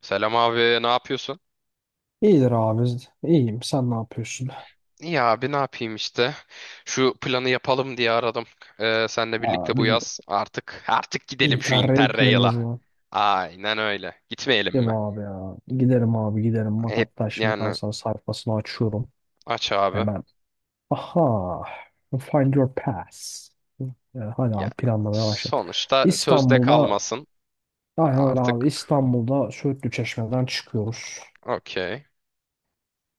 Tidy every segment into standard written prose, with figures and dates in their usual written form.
Selam abi, ne yapıyorsun? İyidir abi. İyiyim. Sen ne yapıyorsun? İyi abi, ne yapayım işte. Şu planı yapalım diye aradım. Senle Aa, birlikte bu bizim yaz artık gidelim şu Interrail Interrail'a. planımız var. Aynen öyle. Gitmeyelim Değil mi mi? abi ya? Giderim abi giderim. Bak Hep hatta şimdi ben yani sana sayfasını açıyorum. aç abi. Hemen. Aha. Find your pass. Hadi Ya abi planlamaya başladım. sonuçta sözde İstanbul'da kalmasın. aynen öyle abi. Artık İstanbul'da Söğütlü Çeşme'den çıkıyoruz. okey.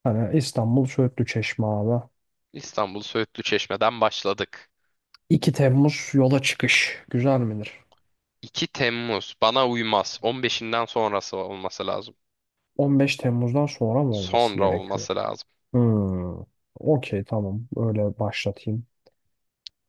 Hani İstanbul Söğütlü Çeşme abi. İstanbul Söğütlü Çeşme'den başladık. 2 Temmuz yola çıkış. Güzel midir? 2 Temmuz bana uymaz. 15'inden sonrası olması lazım. 15 Temmuz'dan sonra mı olması Sonra gerekiyor? olması lazım. Hmm. Okey, tamam. Öyle başlatayım.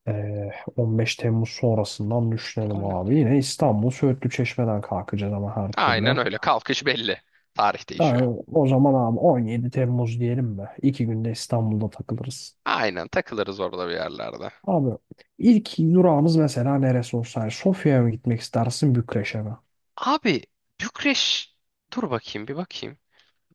Ee, 15 Temmuz sonrasından düşünelim abi. Yine İstanbul Söğütlü Çeşme'den kalkacağız ama her türlü. Aynen öyle. Kalkış belli. Tarih Ha, değişiyor. o zaman abi 17 Temmuz diyelim mi? 2 günde İstanbul'da takılırız. Aynen takılırız orada bir yerlerde. Abi ilk durağımız mesela neresi olsa yani, Sofya'ya mı gitmek istersin Bükreş'e mi? Abi Bükreş, dur bakayım, bir bakayım.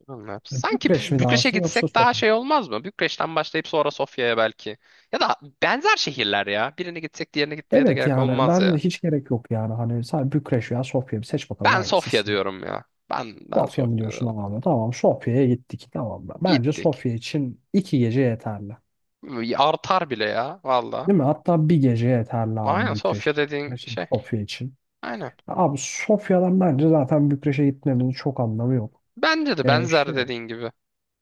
Bilmem. Hani Sanki Bükreş mi Bükreş'e dersin yoksa gitsek daha Sofya mı? şey olmaz mı? Bükreş'ten başlayıp sonra Sofya'ya belki. Ya da benzer şehirler ya. Birine gitsek diğerine gitmeye de Evet gerek yani olmaz bence de ya. hiç gerek yok yani. Hani sadece Bükreş veya Sofya, bir seç bakalım Ben hangisi. Sofya diyorum ya. Ben Sofya mı Sofya diyorsun diyorum. abi? Tamam, Sofya'ya gittik. Tamam mı? Bence Gittik. Sofya için 2 gece yeterli. Artar bile ya valla. Değil mi? Hatta bir gece yeterli Aynen abi Bükreş Sofya için. dediğin Her şey şey. Sofya için. Aynen. Abi Sofya'dan bence zaten Bükreş'e gitmemizin çok anlamı yok. Bence de Ee, şey, benzer dediğin gibi.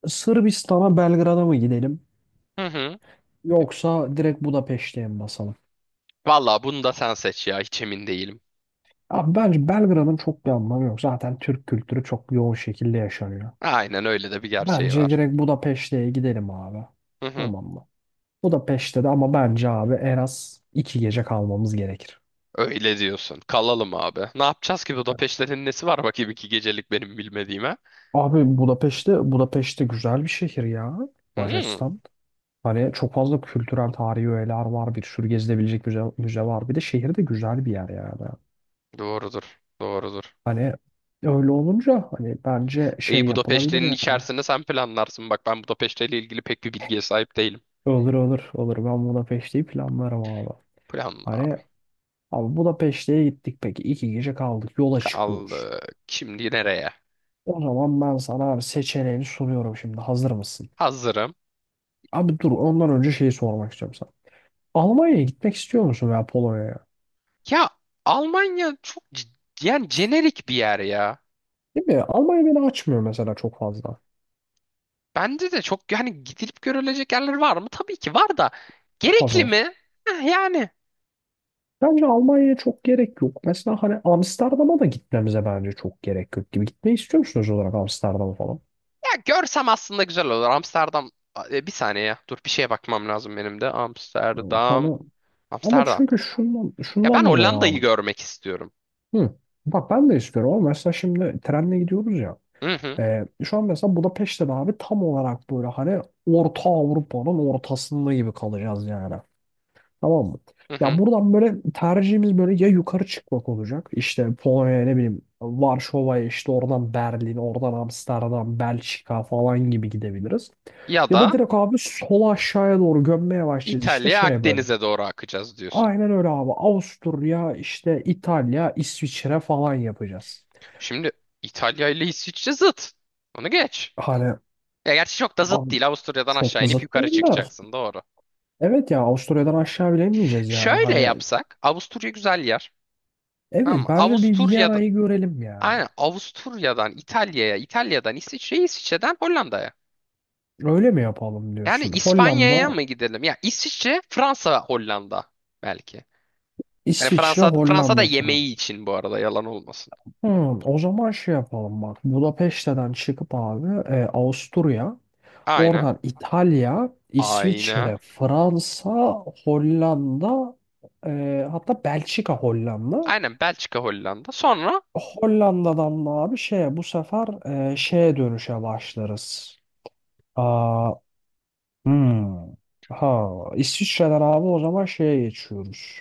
Sırbistan'a, Belgrad'a mı gidelim? Hı hı. Yoksa direkt Budapeşte'ye mi basalım? Valla bunu da sen seç ya. Hiç emin değilim. Abi bence Belgrad'ın çok bir anlamı yok. Zaten Türk kültürü çok yoğun şekilde yaşanıyor. Aynen öyle de bir gerçeği Bence var. direkt Budapeşte'ye gidelim abi. Hı hı. Tamam mı? Budapeşte de ama bence abi en az 2 gece kalmamız gerekir. Öyle diyorsun. Kalalım abi. Ne yapacağız ki Budapeşte'nin nesi var, bakayım 2 gecelik benim bilmediğime? Abi Budapeşte, Budapeşte güzel bir şehir ya. Hmm, Macaristan. Hani çok fazla kültürel tarihi öğeler var. Bir sürü gezilebilecek müze, müze var. Bir de şehir de güzel bir yer yani. doğrudur. Doğrudur. Hani öyle olunca hani bence şey İyi, yapılabilir Budapeşte'nin yani. içerisinde sen planlarsın. Bak, ben Budapeşte ile ilgili pek bir bilgiye sahip değilim. Olur olur olur. Ben Budapeşte'yi planlarım abi. Planla Hani abi. abi Budapeşte'ye gittik peki. 2 gece kaldık. Yola çıkıyoruz. Kaldık. Şimdi nereye? O zaman ben sana abi seçeneğini sunuyorum şimdi. Hazır mısın? Hazırım. Abi dur, ondan önce şeyi sormak istiyorum sana. Almanya'ya gitmek istiyor musun veya Polonya'ya? Ya Almanya çok yani jenerik bir yer ya. Değil mi? Almanya beni açmıyor mesela çok fazla. Bende de çok yani, gidilip görülecek yerler var mı? Tabii ki var da. Çok fazla Gerekli var. mi? Heh, yani. Bence Almanya'ya çok gerek yok. Mesela hani Amsterdam'a da gitmemize bence çok gerek yok gibi. Gitmeyi istiyor musunuz olarak Amsterdam'a falan? Ya görsem aslında güzel olur. Amsterdam, bir saniye ya. Dur, bir şeye bakmam lazım benim de. Amsterdam. Hani ama Amsterdam. çünkü şundan, Ya ben şundan dolayı Hollanda'yı abi. görmek istiyorum. Hı. Bak ben de istiyorum ama mesela şimdi trenle gidiyoruz ya. Hı hı, Şu an mesela Budapeşte'de abi tam olarak böyle hani Orta Avrupa'nın ortasında gibi kalacağız yani. Tamam mı? hı Ya hı. buradan böyle tercihimiz böyle ya yukarı çıkmak olacak. İşte Polonya'ya ne bileyim Varşova'ya, işte oradan Berlin, oradan Amsterdam, Belçika falan gibi gidebiliriz. Ya Ya da da direkt abi sola aşağıya doğru gömmeye başlayacağız işte İtalya, şeye böyle. Akdeniz'e doğru akacağız diyorsun. Aynen öyle abi. Avusturya, işte İtalya, İsviçre falan yapacağız. Şimdi İtalya ile İsviçre zıt. Onu geç. Hani Ya gerçi çok da zıt abi değil. Avusturya'dan çok aşağı da inip zıt yukarı değiller. çıkacaksın. Doğru. Evet ya, Avusturya'dan aşağı bile inmeyeceğiz yani. Şöyle Hani yapsak. Avusturya güzel yer. Tamam evet, mı? bence bir Avusturya'da. Viyana'yı görelim yani. Aynen, Avusturya'dan İtalya'ya, İtalya'dan İsviçre'ye, İsviçre'den Hollanda'ya. Öyle mi yapalım Yani diyorsun? İspanya'ya Hollanda, mı gidelim? Ya İsviçre, Fransa, Hollanda belki. Yani İsviçre, Fransa'da Hollanda, Fransa. yemeği için bu arada yalan olmasın. Hmm, o zaman şey yapalım bak. Budapeşte'den çıkıp abi Avusturya, Aynen. oradan İtalya, Aynen. İsviçre, Fransa, Hollanda, hatta Belçika, Hollanda. Aynen Belçika, Hollanda. Sonra, Hollanda'dan da abi şeye bu sefer şeye dönüşe başlarız. Aa, hmm. Ha, İsviçre'den abi o zaman şeye geçiyoruz.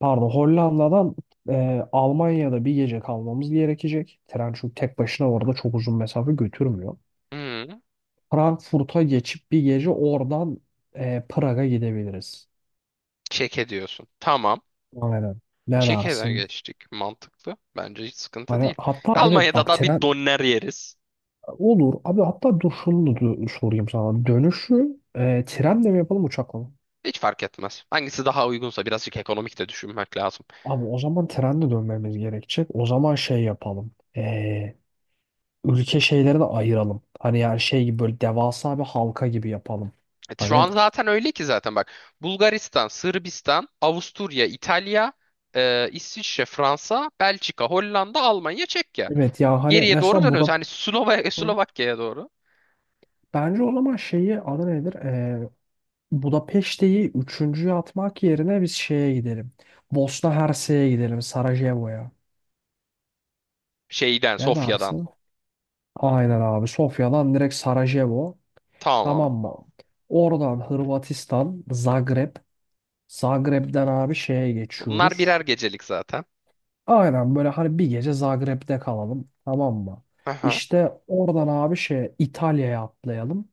Pardon, Hollanda'dan Almanya'da bir gece kalmamız gerekecek. Tren çünkü tek başına orada çok uzun mesafe götürmüyor. hmm, Frankfurt'a geçip bir gece oradan Prag'a gidebiliriz. Çek'e diyorsun. Tamam. Aynen. Ne Çek'e dersin? geçtik. Mantıklı. Bence hiç sıkıntı Hani değil. hatta evet, Almanya'da bak, da bir tren doner yeriz. olur. Abi hatta dur şunu da sorayım sana. Dönüşü trenle mi yapalım uçakla mı? Hiç fark etmez. Hangisi daha uygunsa, birazcık ekonomik de düşünmek lazım. Abi o zaman trenle dönmemiz gerekecek. O zaman şey yapalım. Ülke şeyleri de ayıralım. Hani yani şey gibi böyle devasa bir halka gibi yapalım. Evet, şu Hani an zaten öyle ki, zaten bak: Bulgaristan, Sırbistan, Avusturya, İtalya, İsviçre, Fransa, Belçika, Hollanda, Almanya, Çekya. evet ya hani Geriye doğru mesela dönüyoruz. Hani Slovakya'ya doğru. bence o zaman şeyi adı nedir? Budapeşte'yi üçüncüye atmak yerine biz şeye gidelim. Bosna Hersek'e gidelim, Sarajevo'ya. Şeyden, Ne Sofya'dan. dersin? Aynen abi, Sofya'dan direkt Sarajevo. Tamam. Tamam mı? Oradan Hırvatistan, Zagreb. Zagreb'den abi şeye geçiyoruz. Bunlar birer gecelik zaten. Aynen böyle hani bir gece Zagreb'de kalalım, tamam mı? Aha. İşte oradan abi şey İtalya'ya atlayalım.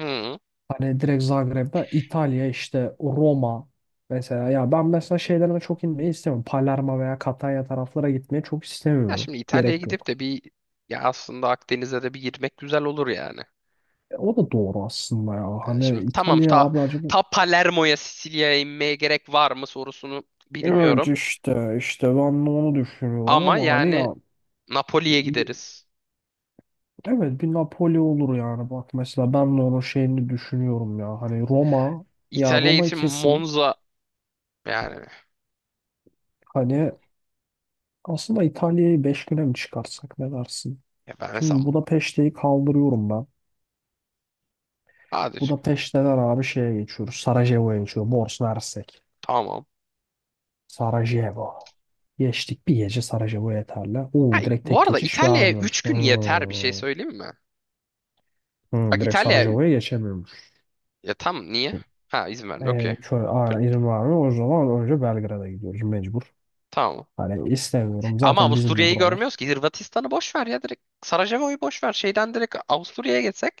Hı. Hani direkt Zagreb'den İtalya, işte Roma mesela ya, ben mesela şeylerine çok inmeyi istemiyorum. Palermo veya Katanya taraflara gitmeyi çok Ya istemiyorum. şimdi İtalya'ya Gerek gidip yok. de bir, ya aslında Akdeniz'e de bir girmek güzel olur yani. O da doğru aslında ya. Şimdi Hani tamam, İtalya ta, abi acaba. ta Palermo'ya, Sicilya'ya inmeye gerek var mı sorusunu Evet, bilmiyorum. işte işte ben de onu düşünüyorum Ama ama hani yani ya. Napoli'ye gideriz. Evet, bir Napoli olur yani, bak mesela ben de onun şeyini düşünüyorum ya hani Roma, ya İtalya'ya Roma'yı için kesin Monza yani, hani aslında İtalya'yı 5 güne mi çıkarsak, ne dersin? ya ben Şimdi mesela Budapeşte'yi kaldırıyorum ben. hadi çık- Budapeşte'den abi şeye geçiyoruz. Sarajevo'ya geçiyoruz. Bosna Hersek. tamam. Sarajevo. Geçtik, bir gece Sarajevo yeterli. Ha, Oo, direkt bu tek arada geçiş İtalya'ya 3 vermiyormuş. gün yeter, bir şey Hmm. söyleyeyim mi? Hmm, Bak direkt İtalya'ya, Sarajevo'ya geçemiyormuş. ya tam niye? Ha, izin vermiyor, okey. Şöyle Pl- aynen izin vermiyor. O zaman önce Belgrad'a gidiyoruz mecbur. Tamam. Hani istemiyorum. Ama Zaten bizim de Avusturya'yı buralar. görmüyoruz ki. Hırvatistan'ı boş ver ya, direkt. Sarajevo'yu boş ver. Şeyden direkt Avusturya'ya geçsek.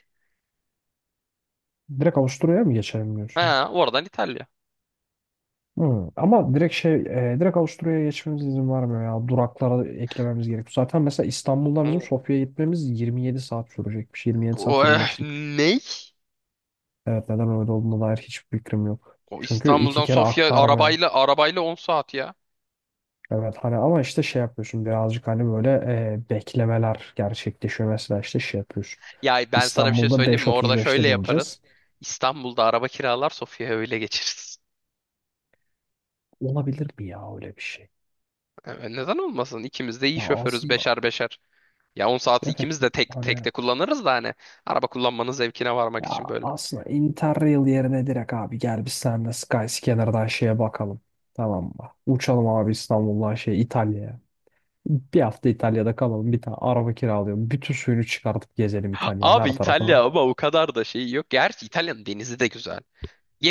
Direkt Avusturya'ya mı geçelim diyorsun? Ha, oradan İtalya. Hı. Ama direkt Avusturya'ya geçmemiz izin vermiyor ya. Duraklara eklememiz gerekiyor. Zaten mesela İstanbul'dan bizim Hmm. Sofya'ya gitmemiz 27 saat sürecekmiş. 27 O, saat 25'lik. ney? Evet, neden öyle olduğuna dair hiçbir fikrim yok. O, Çünkü iki İstanbul'dan kere Sofya aktarmaya. arabayla 10 saat ya. Evet, hani ama işte şey yapıyorsun birazcık hani böyle beklemeler gerçekleşiyor. Mesela işte şey yapıyorsun. Ya ben sana bir şey İstanbul'da söyleyeyim mi? Orada 5:35'te şöyle yaparız. bineceğiz. İstanbul'da araba kiralar, Sofya'ya öyle geçeriz. Olabilir mi ya öyle bir şey? E, neden olmasın? İkimiz de iyi Ya şoförüz, aslında. beşer beşer. Ya 10 saati Evet. ikimiz de tek tek Hani de kullanırız da hani, araba kullanmanın zevkine varmak ya için böyle. aslında Interrail yerine direkt abi gel biz seninle Skyscanner'dan şeye bakalım. Tamam mı? Uçalım abi İstanbul'dan şey İtalya'ya. Bir hafta İtalya'da kalalım. Bir tane araba kiralayalım. Bütün suyunu çıkartıp gezelim İtalya'nın Abi her tarafına. İtalya ama o kadar da şey yok. Gerçi İtalya'nın denizi de güzel.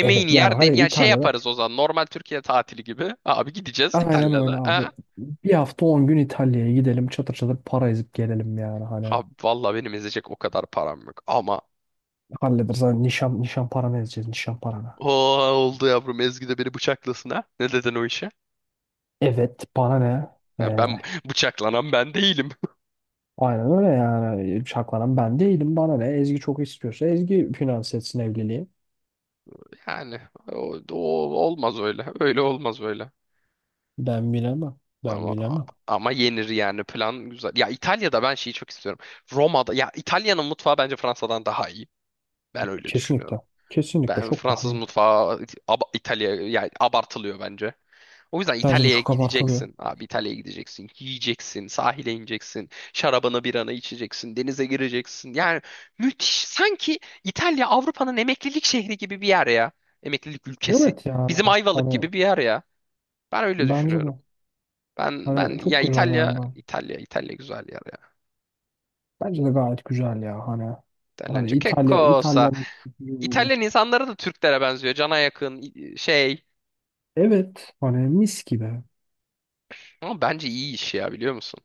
Evet yani yer de, hani yani şey İtalya'da yaparız, o zaman normal Türkiye tatili gibi. Abi gideceğiz aynen öyle İtalya'da. abi. Ha? Bir hafta 10 gün İtalya'ya gidelim. Çatır çatır para ezip gelelim yani hani. Abi valla benim ezecek o kadar param yok ama, Hallederiz. Hani nişan, nişan paranı ezeceğiz. Nişan paranı. o oldu yavrum, Ezgi de beni bıçaklasın ha. Ne dedin o işe? Evet, para ne? Ee, Ben bıçaklanan ben değilim. Aynen öyle yani. Şaklanan ben değilim. Bana ne? Ezgi çok istiyorsa Ezgi finanse etsin evliliği. Yani o olmaz öyle. Öyle olmaz öyle. Ben bilemem. Ben Ama bilemem. ama yenir yani, plan güzel. Ya İtalya'da ben şeyi çok istiyorum. Roma'da, ya İtalya'nın mutfağı bence Fransa'dan daha iyi. Ben öyle Kesinlikle. düşünüyorum. Kesinlikle Ben çok daha Fransız iyi. mutfağı İtalya yani abartılıyor bence. O yüzden Bence de İtalya'ya çok abartılıyor. gideceksin. Abi İtalya'ya gideceksin. Yiyeceksin. Sahile ineceksin. Şarabını, biranı içeceksin. Denize gireceksin. Yani müthiş. Sanki İtalya Avrupa'nın emeklilik şehri gibi bir yer ya. Emeklilik ülkesi. Evet yani. Bizim Ayvalık Hani gibi bir yer ya. Ben öyle bence de. düşünüyorum. Ben Hani ya, çok güzel yani. İtalya Ben. İtalya İtalya güzel yer ya. Bence de gayet güzel ya. hani İtalyanca che İtalya, cosa? İtalya'nın kültürü olabilir. İtalyan insanları da Türklere benziyor. Cana yakın, şey. Evet. Hani mis gibi. Ama bence iyi iş ya, biliyor musun?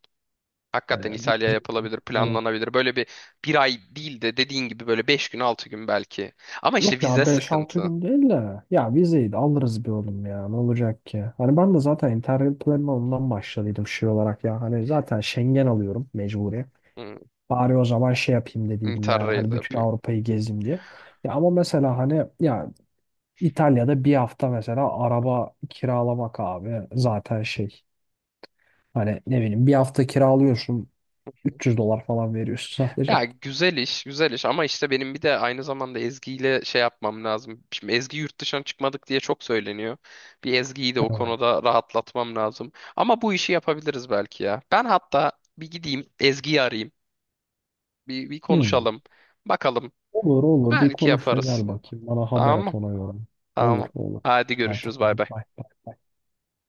Hani Hakikaten İtalya yapılabilir, evet. planlanabilir. Böyle bir ay değil de, dediğin gibi böyle 5 gün, 6 gün belki. Ama işte Yok vize ya beş altı sıkıntı. gün değil de ya, vizeyi de alırız bir oğlum, ya ne olacak ki? Hani ben de zaten Interrail planına ondan başladıydım şey olarak ya, hani zaten Schengen alıyorum mecburi. Hmm, Bari o zaman şey yapayım dediydim yani Interrail hani bütün yapayım. Avrupa'yı gezeyim diye. Ya ama mesela hani ya İtalya'da bir hafta mesela araba kiralamak abi zaten şey hani ne bileyim bir hafta kiralıyorsun 300 dolar falan veriyorsun Ya sadece. güzel iş, güzel iş, ama işte benim bir de aynı zamanda Ezgi ile şey yapmam lazım. Şimdi Ezgi yurt dışına çıkmadık diye çok söyleniyor. Bir, Ezgi'yi de o konuda rahatlatmam lazım. Ama bu işi yapabiliriz belki ya. Ben hatta bir gideyim, Ezgi'yi arayayım. Bir Hmm. konuşalım. Bakalım. Olur olur bir Belki konuş da yaparız. gel bakayım. Bana haber Tamam et mı? ona göre. Olur Tamam. olur. Hadi Hadi görüşürüz. Bay bay bay. bay bay.